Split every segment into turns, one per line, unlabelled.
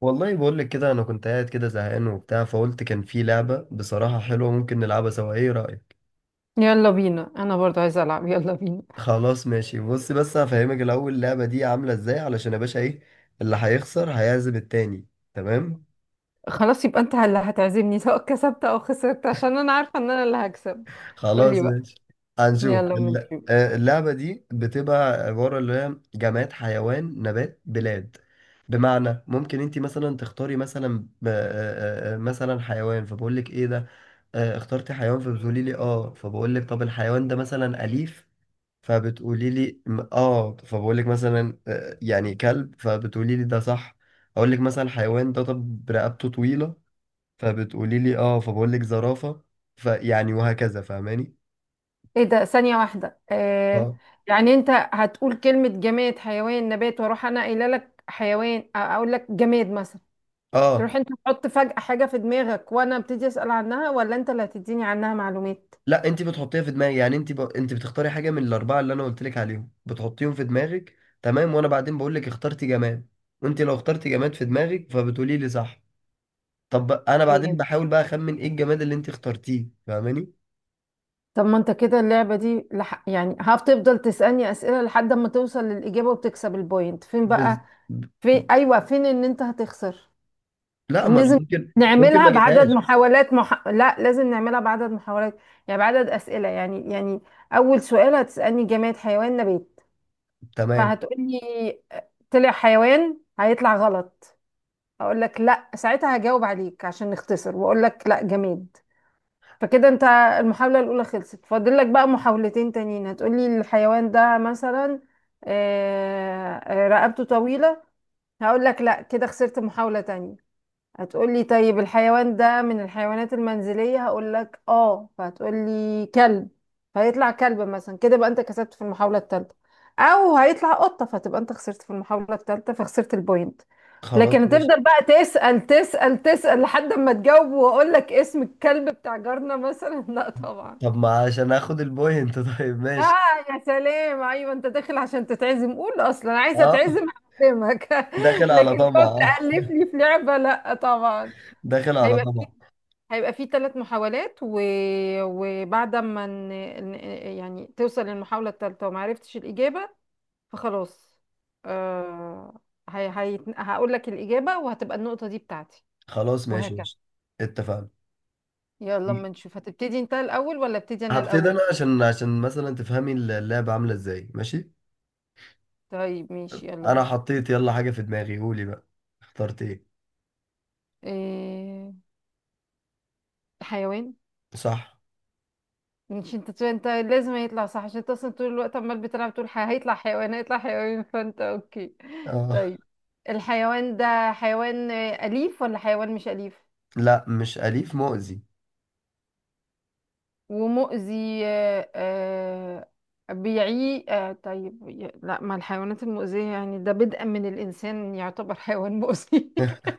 والله بقول لك كده انا كنت قاعد كده زهقان وبتاع، فقلت كان في لعبة بصراحة حلوة ممكن نلعبها سوا، ايه رأيك؟
يلا بينا، انا برضو عايزه العب، يلا بينا.
خلاص ماشي، بص بس هفهمك الاول اللعبة دي عاملة ازاي، علشان يا باشا ايه اللي هيخسر هيعزم التاني. تمام.
خلاص، يبقى انت اللي هتعزمني سواء كسبت او خسرت، عشان انا عارفه ان انا اللي هكسب. قولي
خلاص
بقى.
ماشي. هنشوف
يلا أما
الل-
نشوف.
آه، اللعبة دي بتبقى عبارة اللي هي جماد حيوان نبات بلاد. بمعنى ممكن انت مثلا تختاري مثلا مثلا حيوان، فبقول لك ايه ده. اخترتي حيوان فبتقولي لي اه، فبقول لك طب الحيوان ده مثلا أليف، فبتقولي لي اه، فبقول لك مثلا يعني كلب، فبتقولي لي ده صح. اقول لك مثلا الحيوان ده طب رقبته طويلة، فبتقولي لي اه، فبقول لك زرافة. فيعني وهكذا، فاهماني؟
ايه ده؟ ثانيه واحده
اه.
يعني انت هتقول كلمه جماد حيوان نبات، واروح انا قايله لك حيوان، اقول لك جماد مثلا،
اه.
تروح انت تحط فجأة حاجه في دماغك وانا ابتدي اسأل عنها، ولا انت اللي هتديني عنها معلومات؟
لا، انت بتحطيها في دماغك، يعني انت بتختاري حاجة من الأربعة اللي انا قلت لك عليهم، بتحطيهم في دماغك تمام، وانا بعدين بقول لك اخترتي جماد. وانت لو اخترتي جماد في دماغك فبتقولي لي صح. طب انا
تمام.
بعدين بحاول بقى اخمن ايه الجماد اللي انت اخترتيه، فاهماني؟
طب ما انت كده اللعبة دي يعني هتفضل تسألني أسئلة لحد ما توصل للإجابة وتكسب البوينت، فين بقى
بز...
في، ايوه فين ان انت هتخسر؟
لا، ما انا
لازم
ممكن ممكن ما
نعملها بعدد
اجيبهاش.
محاولات لا، لازم نعملها بعدد محاولات، يعني بعدد اسئله، يعني يعني اول سؤال هتسالني جماد حيوان نبات،
تمام.
فهتقولي طلع حيوان، هيطلع غلط. اقول لك لا، ساعتها هجاوب عليك عشان نختصر، واقول لك لا جماد. فكده انت المحاوله الاولى خلصت، فاضل لك بقى محاولتين تانيين. هتقولي الحيوان ده مثلا رقبته طويله، هقول لك لا، كده خسرت محاوله تانية. هتقولي طيب الحيوان ده من الحيوانات المنزلية، هقول لك اه، فهتقولي كلب، فهيطلع كلب مثلا، كده بقى انت كسبت في المحاولة الثالثة، او هيطلع قطة فتبقى انت خسرت في المحاولة الثالثة فخسرت البوينت. لكن
خلاص ماشي.
هتفضل بقى تسأل تسأل تسأل لحد ما تجاوب، واقول لك اسم الكلب بتاع جارنا مثلا لا طبعا.
طب ما عشان اخد البوينت. طيب ماشي.
اه. يا سلام، ايوه انت داخل عشان تتعزم، قول اصلا عايزه
اه.
اتعزم. هعزمك
داخل على
لكن
طمع،
تقعد
اه.
تألف لي في لعبة، لا طبعا.
داخل على
هيبقى
طمع.
هيبقى فيه 3 محاولات و... وبعد ما ن... ن- يعني توصل للمحاولة الثالثة وما عرفتش الإجابة فخلاص آه... هقول لك الإجابة، وهتبقى النقطة دي بتاعتي،
خلاص ماشي
وهكذا.
ماشي اتفقنا.
يلا اما نشوف، هتبتدي انت الأول ولا ابتدي أنا
هبتدي انا،
الأول؟
عشان مثلا تفهمي اللعبة عاملة ازاي، ماشي.
طيب ماشي، يلا
انا
بينا.
حطيت يلا حاجة في دماغي، قولي بقى اخترت ايه.
إيه... حيوان.
صح.
مش انت، لازم هيطلع صح عشان انت اصلا طول الوقت عمال بتلعب تقول هيطلع حيوان، هيطلع حيوان، فانت اوكي.
اه.
طيب الحيوان ده حيوان أليف ولا حيوان مش أليف
لا مش اليف، مؤذي.
ومؤذي؟ آه، آه، بيعي آه، طيب لا، ما الحيوانات المؤذية يعني ده بدءا من الإنسان يعتبر حيوان مؤذي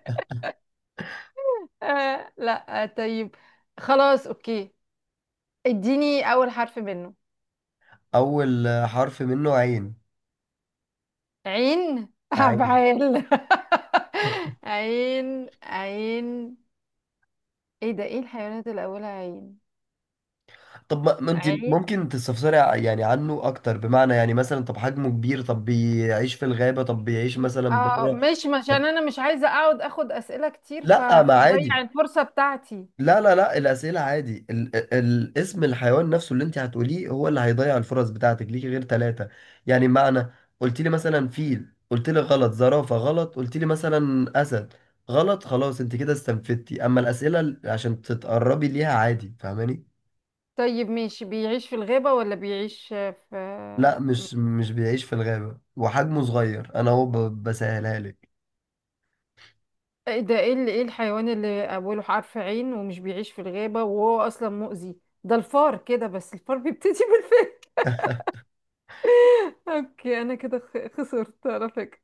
آه، لا آه، طيب خلاص اوكي، اديني أول حرف منه.
اول حرف منه عين.
عين،
عادي.
عبعال عين، ايه ده؟ ايه الحيوانات اللي اولها عين؟
طب ما انت
عين،
ممكن تستفسري يعني عنه اكتر، بمعنى يعني مثلا طب حجمه كبير، طب بيعيش في الغابة، طب بيعيش مثلا
اه،
بره.
مش عشان
طب.
انا مش عايزه اقعد اخد اسئله كتير
لا ما عادي.
فضيع الفرصه بتاعتي.
لا الأسئلة عادي، ال الاسم الحيوان نفسه اللي انت هتقوليه هو اللي هيضيع الفرص بتاعتك، ليكي غير ثلاثة. يعني معنى قلت لي مثلا فيل قلت لي غلط، زرافة غلط، قلت لي مثلا أسد غلط، خلاص انت كده استنفدتي. اما الأسئلة عشان تتقربي ليها عادي، فاهماني؟
طيب ماشي، بيعيش في الغابه ولا بيعيش في،
لا مش بيعيش في الغابة، وحجمه صغير، انا هو بسهلها لك.
ايه ده؟ ايه اللي، ايه الحيوان اللي اوله حرف عين ومش بيعيش في الغابه وهو اصلا مؤذي؟ ده الفار، كده بس الفار بيبتدي بالف اوكي انا كده خسرت على فكره.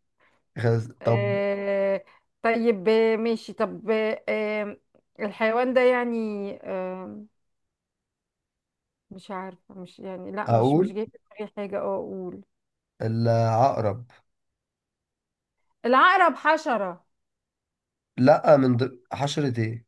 خلاص، طب.
آه، طيب ماشي، طب الحيوان ده يعني مش عارفة، مش يعني لا، مش
اقول
جاي في دماغي حاجة. اه اقول
العقرب.
العقرب؟ حشرة.
لا من حشرة ايه.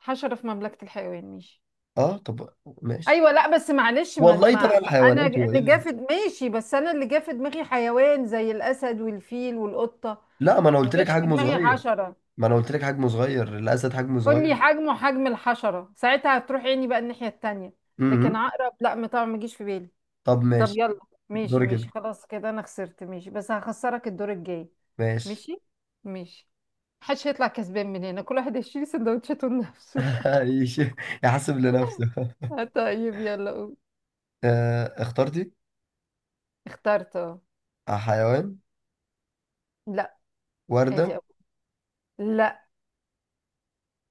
حشرة في مملكة الحيوان، ماشي.
اه طب ماشي.
ايوه لا بس معلش، ما,
والله
ما,
طبعا
ما انا
الحيوانات هو ايه
اللي جا
اللي.
في ماشي، بس انا اللي جا في دماغي حيوان زي الاسد والفيل والقطة،
لا ما انا
ما
قلت لك
جاش في
حجمه
دماغي
صغير.
حشرة.
ما انا قلت لك حجمه صغير، الاسد حجمه
قول
صغير.
لي حجمه حجم الحشرة ساعتها هتروح عيني بقى الناحية التانية.
امم
لكن عقرب لا ما طبعا ما جيش في بالي.
طب
طب
ماشي.
يلا، ماشي
دوري
ماشي
كده.
خلاص كده انا خسرت، ماشي بس هخسرك الدور الجاي.
ماشي.
ماشي ماشي. محدش هيطلع كسبان من هنا، كل واحد هيشيل سندوتشاته لنفسه
يش- يحسب لنفسه.
طيب يلا قول.
اخترتي
اخترت اه
حيوان؟
لا. ادي
وردة؟
اول. لا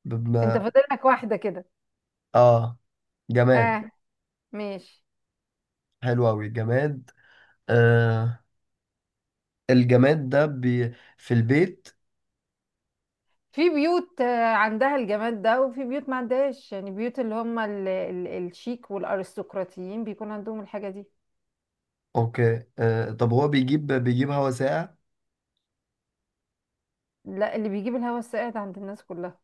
بم...
انت فاضل لك واحدة كده.
اه. جماد.
اه. ماشي.
حلو أوي، جماد. آه. الجماد ده بي في البيت.
في بيوت عندها الجمال ده وفي بيوت ما عندهاش، يعني بيوت اللي هم ال الشيك والارستقراطيين بيكون عندهم الحاجة دي.
اوكي. آه طب هو بيجيب، بيجيب هوا ساقع.
لا، اللي بيجيب الهوا الساقع ده عند الناس كلها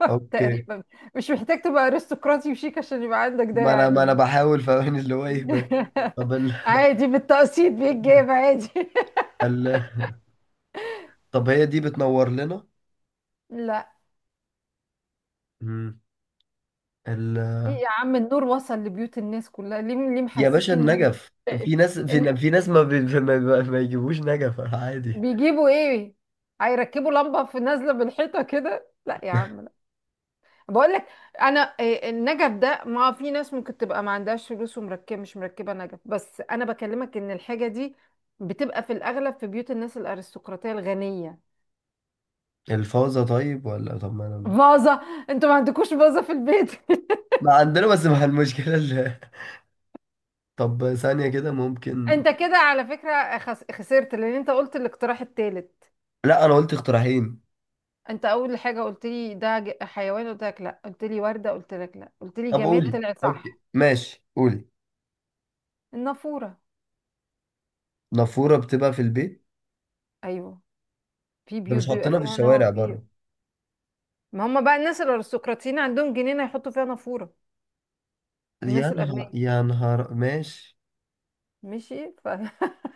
اوكي.
تقريبا. مش محتاج تبقى ارستقراطي وشيك عشان يبقى عندك ده
ما انا
يعني.
بحاول فاهم اللي هو ايه بقى. طب ال...
عادي بالتقسيط بيتجاب عادي
ال... طب هي دي بتنور لنا.
لا.
مم. ال...
ليه يا عم؟ النور وصل لبيوت الناس كلها، ليه؟ ليه
يا باشا
محسسني
النجف.
ان
في ناس
إن-
في, في ناس ما, بي... ما يجيبوش نجف عادي.
بيجيبوا ايه؟ هيركبوا لمبة في نازلة من الحيطة كده؟ لا يا عم لا، بقول لك انا، النجف ده ما في ناس ممكن تبقى ما عندهاش فلوس ومركبه مش مركبة نجف، بس انا بكلمك ان الحاجة دي بتبقى في الاغلب في بيوت الناس الارستقراطية الغنية.
الفوزة؟ طيب ولا طب ما انا،
فازة. انتوا ما عندكوش فازة في البيت؟
ما عندنا بس مع المشكلة اللي... طب ثانية كده ممكن.
انت كده على فكرة خسرت، لان انت قلت الاقتراح التالت.
لا انا قلت اقتراحين.
انت اول حاجة قلت لي ده حيوان، قلت لك لا، قلت لي وردة، قلت لك لا، قلت لي
طب
جماد
قولي.
طلع صح.
اوكي ماشي، قولي.
النافورة.
نافورة بتبقى في البيت؟
ايوه. في
ده
بيوت
مش
بيبقى
حاطينها في
فيها نار
الشوارع
في،
بره.
ما هم بقى الناس الارستقراطيين عندهم جنينة يحطوا فيها نافورة،
يا
الناس الاغنياء.
نهار، يا نهار، ماشي.
ماشي ف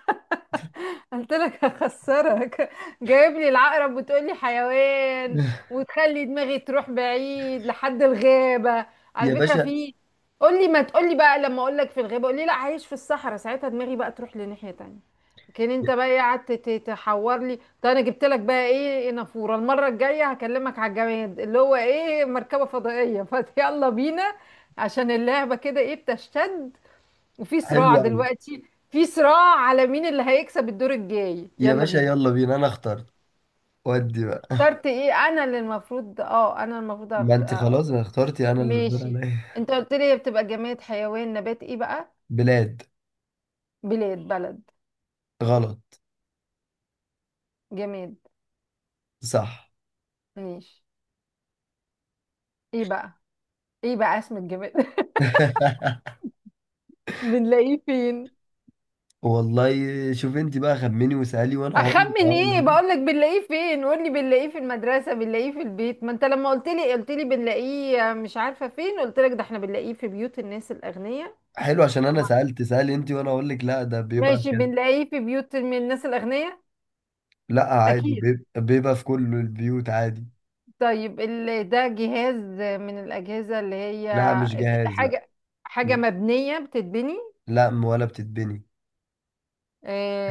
قلت لك هخسرك، جايب لي العقرب وتقول لي حيوان، وتخلي دماغي تروح بعيد لحد الغابة. على
يا
فكرة
باشا.
في، قول لي ما تقول لي بقى، لما اقول لك في الغابة قول لي لا، عايش في الصحراء ساعتها دماغي بقى تروح لناحية تانية. لكن انت بقى قعدت تحور لي. طب انا جبت لك بقى ايه؟ نافورة. المرة الجاية هكلمك على الجماد اللي هو ايه، مركبة فضائية فيلا بينا عشان اللعبة كده ايه بتشتد، وفي
حلو
صراع
قوي.
دلوقتي، في صراع على مين اللي هيكسب الدور الجاي،
يا
يلا
باشا
بينا.
يلا بينا. انا اخترت ودي بقى.
اخترت ايه؟ انا اللي المفروض، اه انا المفروض
ما
أقت...
انت
آه.
خلاص، انا اخترتي، انا اللي الدور
ماشي.
عليا.
انت قلت لي هي بتبقى جماد حيوان نبات، ايه بقى؟
بلاد.
بلاد، بلد.
غلط.
جماد.
صح.
ماشي. ايه بقى؟ ايه بقى اسم الجماد؟ بنلاقيه فين؟
والله. شوف انت بقى خمني وسألي، وانا هقول لك اه
اخمن
ولا
ايه؟
لا.
بقول لك بنلاقيه فين، قول لي بنلاقيه في المدرسه، بنلاقيه في البيت. ما انت لما قلت لي، قلت لي بنلاقيه مش عارفه فين، قلت لك ده احنا بنلاقيه في بيوت الناس الاغنياء.
حلو، عشان انا سألت. سألي انت وانا اقول لك لا، ده بيبقى
ماشي،
كده.
بنلاقيه في بيوت من الناس الأغنياء.
لا عادي،
أكيد.
بيبقى في كل البيوت عادي.
طيب ده جهاز؟ من الأجهزة اللي هي،
لا مش
أكيد
جهاز، لا.
حاجة. حاجة مبنية، بتتبني.
لا ولا بتتبني.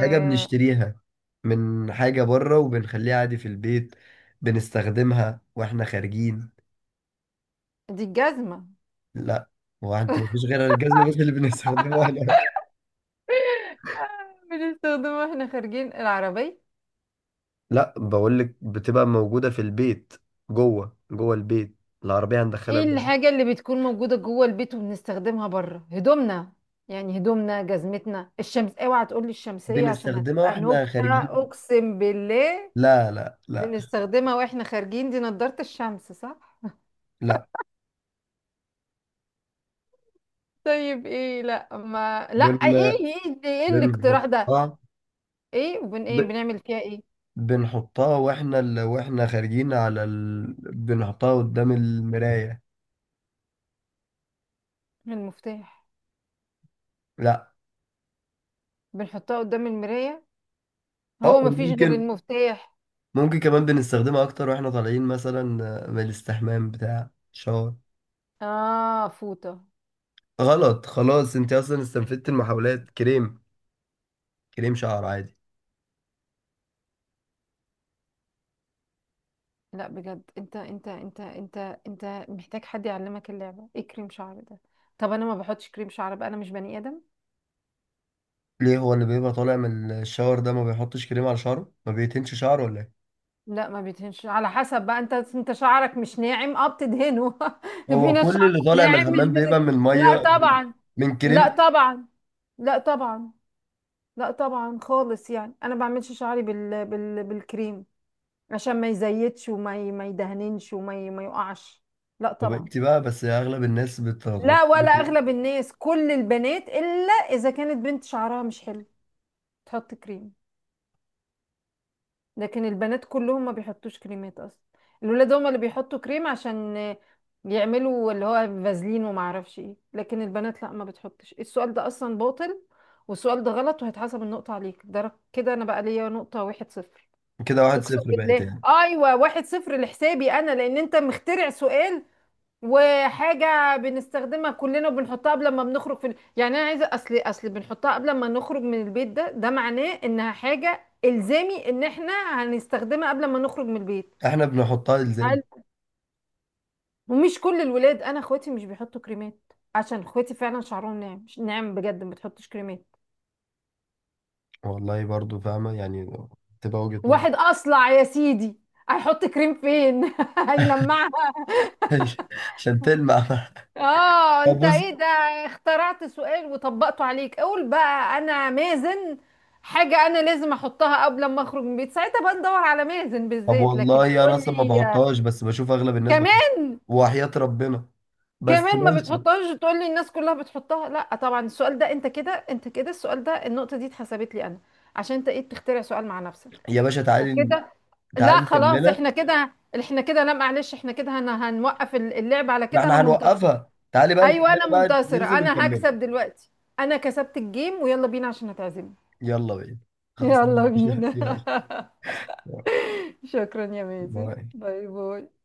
حاجة بنشتريها من حاجة بره وبنخليها عادي في البيت. بنستخدمها واحنا خارجين.
دي الجزمة.
لا. هو انت مفيش غير الجزمة بس اللي بنستخدمها احنا؟
بنستخدمها واحنا خارجين، العربية.
لا بقول لك بتبقى موجودة في البيت، جوه جوه البيت. العربية هندخلها
ايه
جوه.
الحاجة اللي بتكون موجودة جوه البيت وبنستخدمها بره؟ هدومنا، يعني هدومنا، جزمتنا، الشمس، اوعى تقولي الشمسية عشان
بنستخدمها
هتبقى
واحنا
نكتة
خارجين.
أقسم بالله.
لا.
بنستخدمها واحنا خارجين، دي نضارة الشمس، صح؟
لا
طيب ايه؟ لا ما لا، ايه؟
بن
ايه ده؟ ايه الاقتراح ده؟
بنحطها.
ايه وبن،
ب...
ايه بنعمل فيها ايه؟
بنحطها واحنا واحنا خارجين بنحطها قدام المراية.
المفتاح.
لا.
بنحطها قدام المراية.
اه
هو ما فيش غير
ممكن.
المفتاح؟
ممكن كمان بنستخدمها اكتر واحنا طالعين، مثلا من الاستحمام بتاع شاور.
اه فوطة.
غلط، خلاص انت اصلا استنفدت المحاولات. كريم. كريم شعر عادي.
لا بجد، انت انت محتاج حد يعلمك اللعبة، ايه كريم شعر ده؟ طب انا ما بحطش كريم شعر بقى، انا مش بني ادم.
ليه، هو اللي بيبقى طالع من الشاور ده ما بيحطش كريم على شعره، ما بيتنش شعره ولا ايه؟
لا، ما بيدهنش على حسب بقى، انت شعرك مش ناعم اه بتدهنه في
هو
ناس
كل
شعرها
اللي طالع من
ناعم مش
الحمام بيبقى من
لا
ميه،
طبعا.
من
لا
كريم.
طبعا. لا طبعا. لا طبعا خالص، يعني انا بعملش شعري بالكريم، عشان ما يزيدش ما يدهننش ما يقعش. لا
طب
طبعا.
انت بقى، بس اغلب الناس
لا،
بتحط
ولا
كريم.
اغلب الناس، كل البنات الا اذا كانت بنت شعرها مش حلو تحط كريم. لكن البنات كلهم ما بيحطوش كريمات اصلا. الولاد هم اللي بيحطوا كريم عشان يعملوا اللي هو فازلين وما اعرفش ايه، لكن البنات لا ما بتحطش. السؤال ده اصلا باطل، والسؤال ده غلط وهيتحسب النقطة عليك، ده كده انا بقى ليا نقطة 1-0.
كده واحد
اقسم
صفر بقت
بالله
يعني.
ايوه 1-0 لحسابي انا، لان انت مخترع سؤال، وحاجه بنستخدمها كلنا وبنحطها قبل ما بنخرج في يعني انا عايزه، اصل بنحطها قبل ما نخرج من البيت، ده معناه انها حاجه الزامي ان احنا هنستخدمها قبل ما نخرج من البيت.
احنا بنحطها الزام.
هل، ومش كل الولاد، انا اخواتي مش بيحطوا كريمات، عشان اخواتي فعلا شعرهم ناعم، مش ناعم بجد ما بتحطش كريمات.
والله برضو فاهمه يعني. تبقى وجهة نظر.
واحد اصلع يا سيدي هيحط كريم فين؟ هيلمعها.
عشان تلمع.
اه
طب
انت
بص.
ايه ده؟ اخترعت سؤال وطبقته عليك؟ قول بقى انا مازن، حاجة انا لازم احطها قبل ما اخرج من البيت ساعتها بقى ندور على مازن
طب
بالذات، لكن
والله انا
تقول
اصلا ما
لي
بحطهاش، بس بشوف اغلب الناس
كمان.
بتحط. وحياة ربنا. بس
كمان ما
ماشي.
بتحطهاش وتقول لي الناس كلها بتحطها، لا طبعا. السؤال ده، انت كده السؤال ده، النقطة دي اتحسبت لي انا عشان انت ايه بتخترع سؤال مع نفسك
يا باشا تعالي.
وكده. لا
تعالي
خلاص،
نكملها.
احنا كده لا معلش، احنا كده هنوقف اللعب على
ما
كده، انا
احنا
منتصر.
هنوقفها، تعالي بقى
ايوه انا
نكملها بقى،
منتصره،
ننزل
انا
ونكملها.
هكسب دلوقتي، انا كسبت الجيم، ويلا بينا عشان هتعزمني.
يلا بينا. خلصنا
يلا
يا باشا.
بينا
يلا.
شكرا يا مازن،
باي.
باي باي.